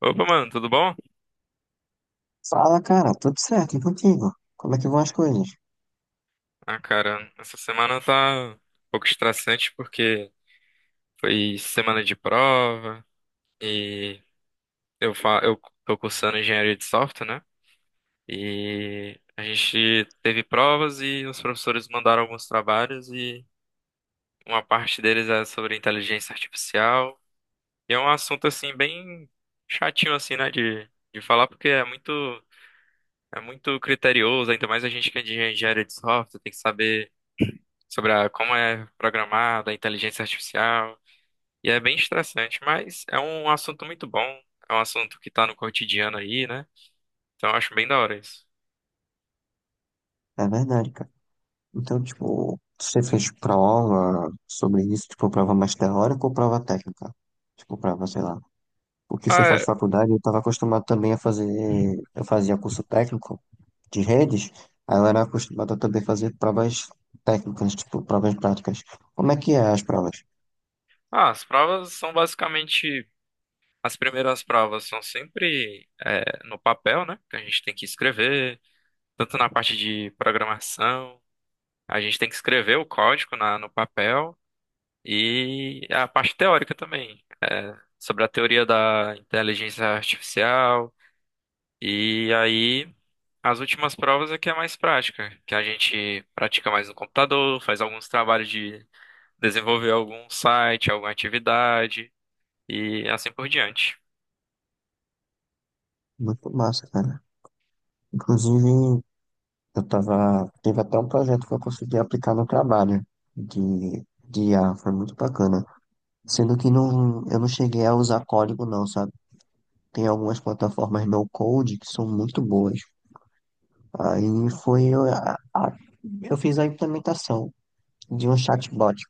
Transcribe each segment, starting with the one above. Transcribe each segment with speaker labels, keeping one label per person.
Speaker 1: Opa, mano, tudo bom?
Speaker 2: Fala, cara, tudo certo e contigo? Como é que vão as coisas?
Speaker 1: Cara, essa semana tá um pouco estressante porque foi semana de prova e eu tô cursando engenharia de software, né? E a gente teve provas e os professores mandaram alguns trabalhos, e uma parte deles é sobre inteligência artificial. E é um assunto assim bem chatinho assim, né, de falar, porque é muito, é muito criterioso. Ainda mais a gente que é de engenharia de software, tem que saber sobre a, como é programada a inteligência artificial. E é bem estressante, mas é um assunto muito bom. É um assunto que tá no cotidiano aí, né? Então eu acho bem da hora isso.
Speaker 2: É verdade, cara. Então, tipo, você fez prova sobre isso, tipo, prova mais teórica ou prova técnica? Tipo, prova, sei lá. Porque você
Speaker 1: Ah,
Speaker 2: faz
Speaker 1: é.
Speaker 2: faculdade, eu estava acostumado também a fazer, eu fazia curso técnico de redes, aí eu era acostumado a também fazer provas técnicas, tipo, provas práticas. Como é que é as provas?
Speaker 1: Ah, as provas são basicamente... As primeiras provas são sempre, no papel, né? Que a gente tem que escrever, tanto na parte de programação, a gente tem que escrever o código na, no papel, e a parte teórica também, sobre a teoria da inteligência artificial. E aí, as últimas provas é que é mais prática, que a gente pratica mais no computador, faz alguns trabalhos de desenvolver algum site, alguma atividade, e assim por diante.
Speaker 2: Muito massa, cara. Inclusive, teve até um projeto que eu consegui aplicar no trabalho de IA foi muito bacana. Sendo que não, eu não cheguei a usar código não, sabe? Tem algumas plataformas no code que são muito boas. Aí foi, eu, a- Eu fiz a implementação de um chatbot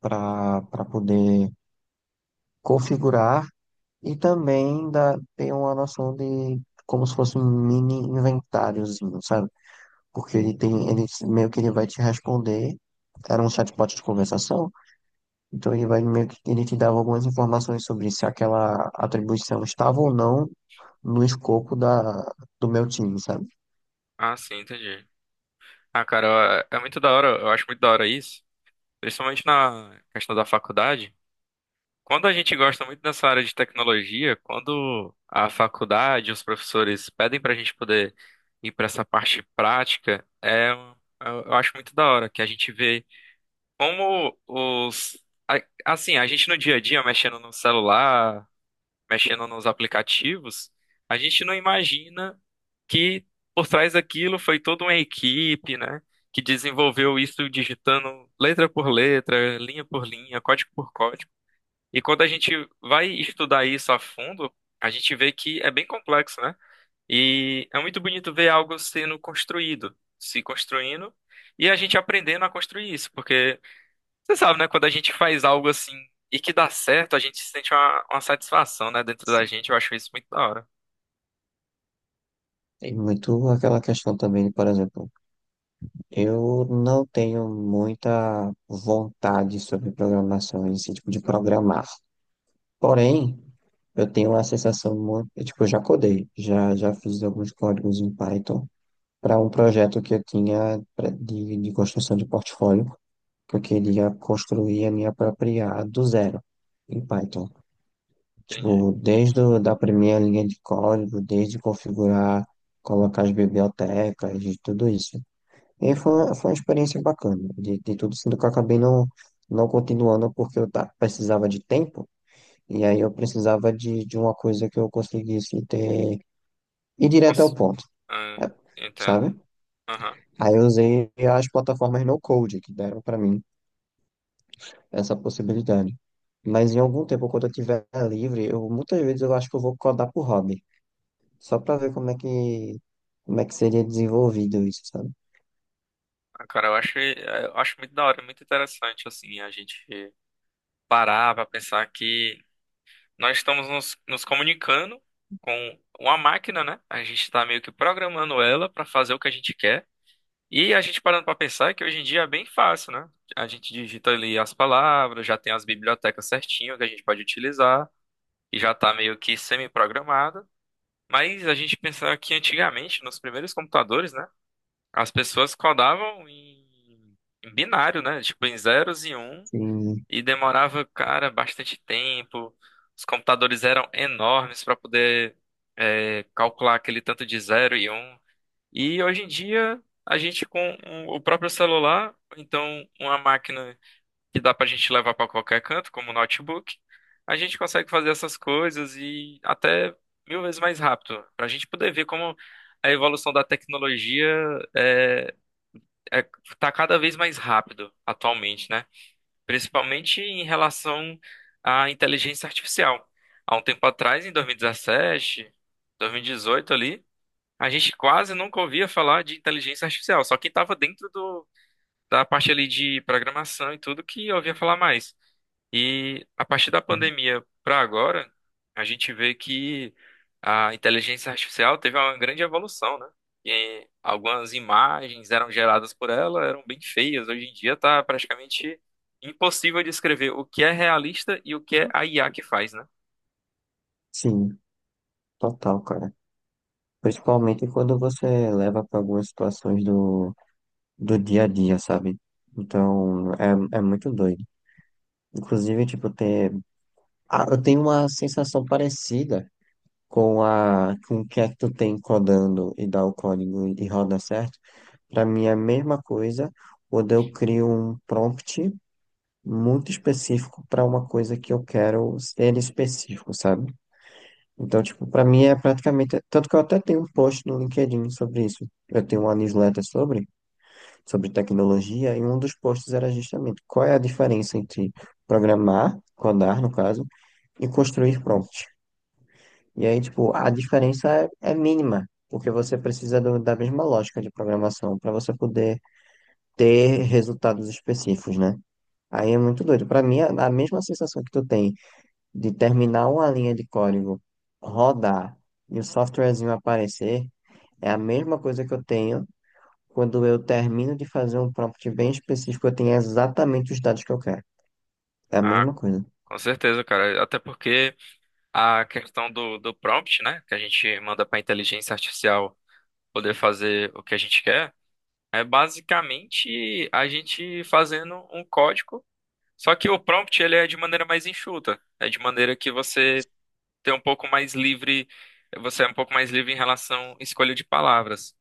Speaker 2: para poder configurar e também ter uma noção de como se fosse um mini inventáriozinho, sabe? Porque ele meio que ele vai te responder. Era um chatbot de conversação, então ele vai meio que ele te dava algumas informações sobre se aquela atribuição estava ou não no escopo do meu time, sabe?
Speaker 1: Ah, sim, entendi. Ah, cara, é muito da hora, eu acho muito da hora isso, principalmente na questão da faculdade. Quando a gente gosta muito dessa área de tecnologia, quando a faculdade, os professores pedem pra gente poder ir pra essa parte prática, eu acho muito da hora que a gente vê como os... Assim, a gente no dia a dia, mexendo no celular, mexendo nos aplicativos, a gente não imagina que por trás daquilo foi toda uma equipe, né? Que desenvolveu isso digitando letra por letra, linha por linha, código por código. E quando a gente vai estudar isso a fundo, a gente vê que é bem complexo, né? E é muito bonito ver algo sendo construído, se construindo, e a gente aprendendo a construir isso. Porque você sabe, né? Quando a gente faz algo assim e que dá certo, a gente sente uma satisfação, né? Dentro da
Speaker 2: Sim.
Speaker 1: gente, eu acho isso muito da hora.
Speaker 2: Tem muito aquela questão também, por exemplo, eu não tenho muita vontade sobre programação, esse tipo de programar. Porém, eu tenho uma sensação muito, tipo, eu já codei, já fiz alguns códigos em Python para um projeto que eu tinha de construção de portfólio, que eu queria construir a minha própria IA do zero em Python.
Speaker 1: Entendi.
Speaker 2: Tipo, da primeira linha de código, desde configurar, colocar as bibliotecas, e tudo isso. E foi uma experiência bacana, de tudo, sendo que eu acabei não, não continuando porque eu precisava de tempo, e aí eu precisava de uma coisa que eu conseguisse ir direto ao
Speaker 1: Nossa,
Speaker 2: ponto,
Speaker 1: ah,
Speaker 2: eh,
Speaker 1: entendo.
Speaker 2: sabe?
Speaker 1: Aham.
Speaker 2: Aí eu usei as plataformas no Code que deram pra mim essa possibilidade. Mas em algum tempo, quando eu tiver livre, eu muitas vezes eu acho que eu vou codar por hobby, só pra ver como é que seria desenvolvido isso, sabe?
Speaker 1: Ah, cara, eu acho muito da hora, é muito interessante, assim. A gente parar pra pensar que nós estamos nos comunicando com uma máquina, né? A gente tá meio que programando ela pra fazer o que a gente quer. E a gente parando para pensar que hoje em dia é bem fácil, né? A gente digita ali as palavras, já tem as bibliotecas certinho que a gente pode utilizar, e já tá meio que semi-programada. Mas a gente pensar que antigamente, nos primeiros computadores, né? As pessoas codavam em, em binário, né? Tipo, em zeros e um,
Speaker 2: Sim,
Speaker 1: e demorava, cara, bastante tempo. Os computadores eram enormes para poder calcular aquele tanto de zero e um. E hoje em dia, a gente com o próprio celular, ou então uma máquina que dá pra gente levar pra qualquer canto, como o notebook, a gente consegue fazer essas coisas e até mil vezes mais rápido, pra gente poder ver como a evolução da tecnologia é, é, tá cada vez mais rápido atualmente, né? Principalmente em relação à inteligência artificial. Há um tempo atrás, em 2017, 2018 ali, a gente quase nunca ouvia falar de inteligência artificial, só quem estava dentro do, da parte ali de programação e tudo que ouvia falar mais. E a partir da pandemia para agora, a gente vê que a inteligência artificial teve uma grande evolução, né? E algumas imagens eram geradas por ela, eram bem feias. Hoje em dia está praticamente impossível descrever o que é realista e o que é a IA que faz, né?
Speaker 2: sim, total, cara. Principalmente quando você leva pra algumas situações do dia a dia, sabe? Então, é muito doido. Inclusive, tipo. Ah, eu tenho uma sensação parecida com o que é que tu tem codando e dá o código e roda certo, para mim é a mesma coisa quando eu crio um prompt muito específico para uma coisa que eu quero ser específico, sabe? Então, tipo, para mim é praticamente, tanto que eu até tenho um post no LinkedIn sobre isso. Eu tenho uma newsletter sobre tecnologia e um dos posts era justamente qual é a diferença entre programar, codar no caso, e construir prompt. E aí, tipo, a diferença é mínima, porque você precisa da mesma lógica de programação para você poder ter resultados específicos, né? Aí é muito doido. Para mim, a mesma sensação que tu tem de terminar uma linha de código, rodar e o softwarezinho aparecer, é a mesma coisa que eu tenho quando eu termino de fazer um prompt bem específico, eu tenho exatamente os dados que eu quero. É a
Speaker 1: Ah,
Speaker 2: mesma coisa.
Speaker 1: com certeza, cara. Até porque a questão do, do prompt, né, que a gente manda para a inteligência artificial poder fazer o que a gente quer, é basicamente a gente fazendo um código, só que o prompt, ele é de maneira mais enxuta, é de maneira que você tem um pouco mais livre, você é um pouco mais livre em relação à escolha de palavras,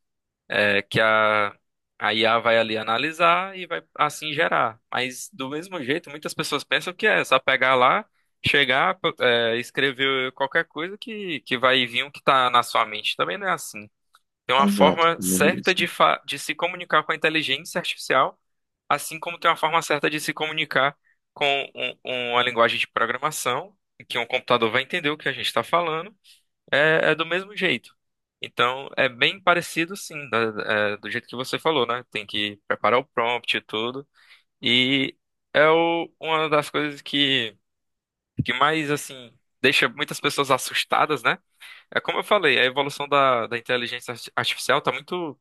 Speaker 1: é, que a, a IA vai ali analisar e vai assim gerar. Mas do mesmo jeito, muitas pessoas pensam que é só pegar lá, chegar, escrever qualquer coisa, que vai vir o que está na sua mente. Também não é assim. Tem uma
Speaker 2: Exato,
Speaker 1: forma
Speaker 2: combina
Speaker 1: certa
Speaker 2: isso.
Speaker 1: de, fa de se comunicar com a inteligência artificial, assim como tem uma forma certa de se comunicar com um- uma linguagem de programação, em que um computador vai entender o que a gente está falando. É do mesmo jeito. Então, é bem parecido, sim, do jeito que você falou, né? Tem que preparar o prompt e tudo. E é uma das coisas que mais, assim, deixa muitas pessoas assustadas, né? É como eu falei, a evolução da, da inteligência artificial tá muito,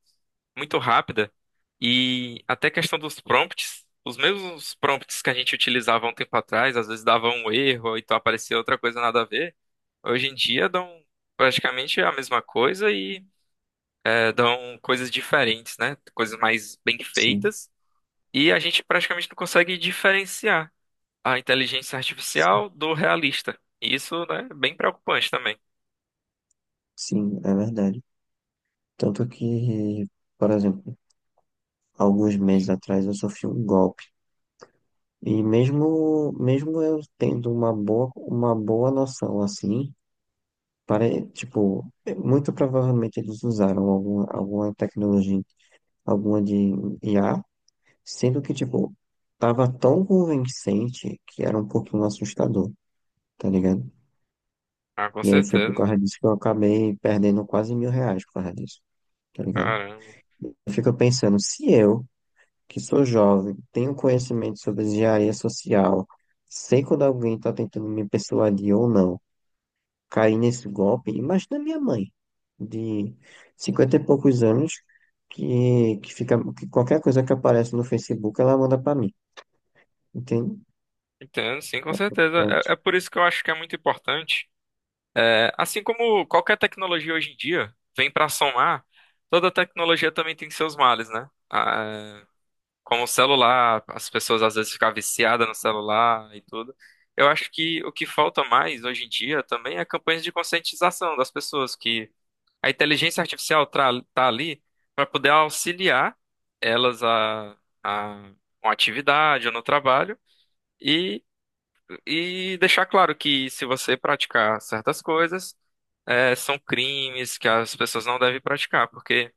Speaker 1: muito rápida. E até a questão dos prompts, os mesmos prompts que a gente utilizava há um tempo atrás, às vezes dava um erro, ou então aparecia outra coisa nada a ver. Hoje em dia dão praticamente a mesma coisa, e dão coisas diferentes, né? Coisas mais bem
Speaker 2: Sim,
Speaker 1: feitas. E a gente praticamente não consegue diferenciar a inteligência
Speaker 2: sim,
Speaker 1: artificial do realista. E isso, né, é bem preocupante também.
Speaker 2: sim, é verdade. Tanto que, por exemplo, alguns meses atrás eu sofri um golpe. E mesmo eu tendo uma boa noção assim, tipo, muito provavelmente eles usaram alguma tecnologia, alguma de IA, sendo que, tipo, tava tão convincente que era um pouquinho assustador, tá ligado?
Speaker 1: Ah, com
Speaker 2: E aí foi por
Speaker 1: certeza.
Speaker 2: causa disso que eu acabei perdendo quase R$ 1.000 por causa disso, tá ligado?
Speaker 1: Caramba.
Speaker 2: Eu fico pensando, se eu que sou jovem, tenho conhecimento sobre engenharia social, sei quando alguém está tentando me persuadir ou não, caí nesse golpe. Imagina minha mãe, de 50 e poucos anos, que qualquer coisa que aparece no Facebook ela manda para mim, entende?
Speaker 1: Entendo, sim, com
Speaker 2: É
Speaker 1: certeza.
Speaker 2: preocupante,
Speaker 1: É, é por isso que eu acho que é muito importante. É, assim como qualquer tecnologia hoje em dia vem para somar, toda tecnologia também tem seus males, né? Ah, como o celular, as pessoas às vezes ficam viciadas no celular e tudo. Eu acho que o que falta mais hoje em dia também é campanhas de conscientização das pessoas, que a inteligência artificial tá ali para poder auxiliar elas a uma atividade ou no trabalho, e, e deixar claro que se você praticar certas coisas, são crimes que as pessoas não devem praticar, porque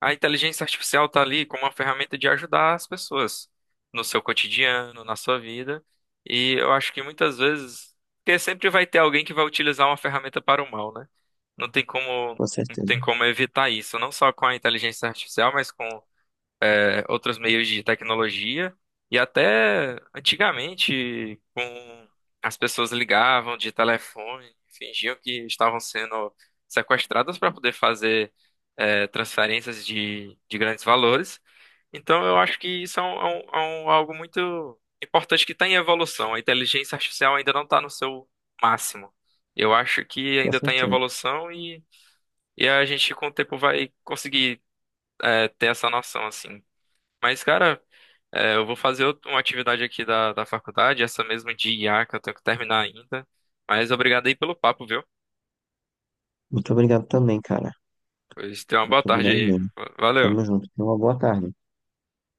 Speaker 1: a inteligência artificial está ali como uma ferramenta de ajudar as pessoas no seu cotidiano, na sua vida. E eu acho que muitas vezes, porque sempre vai ter alguém que vai utilizar uma ferramenta para o mal, né? Não tem como,
Speaker 2: com
Speaker 1: não
Speaker 2: certeza,
Speaker 1: tem como evitar isso, não só com a inteligência artificial, mas com outros meios de tecnologia, e até antigamente com as pessoas ligavam de telefone, fingiam que estavam sendo sequestradas para poder fazer transferências de grandes valores. Então eu acho que isso algo muito importante que está em evolução. A inteligência artificial ainda não está no seu máximo. Eu acho que
Speaker 2: com
Speaker 1: ainda está em
Speaker 2: certeza.
Speaker 1: evolução, e a gente com o tempo vai conseguir ter essa noção assim. Mas, cara, eu vou fazer uma atividade aqui da, da faculdade, essa mesmo de IA que eu tenho que terminar ainda. Mas obrigado aí pelo papo, viu?
Speaker 2: Muito obrigado também, cara.
Speaker 1: Pois tenha uma boa
Speaker 2: Muito
Speaker 1: tarde
Speaker 2: obrigado
Speaker 1: aí.
Speaker 2: mesmo. Tamo
Speaker 1: Valeu.
Speaker 2: junto. Tenha uma boa tarde.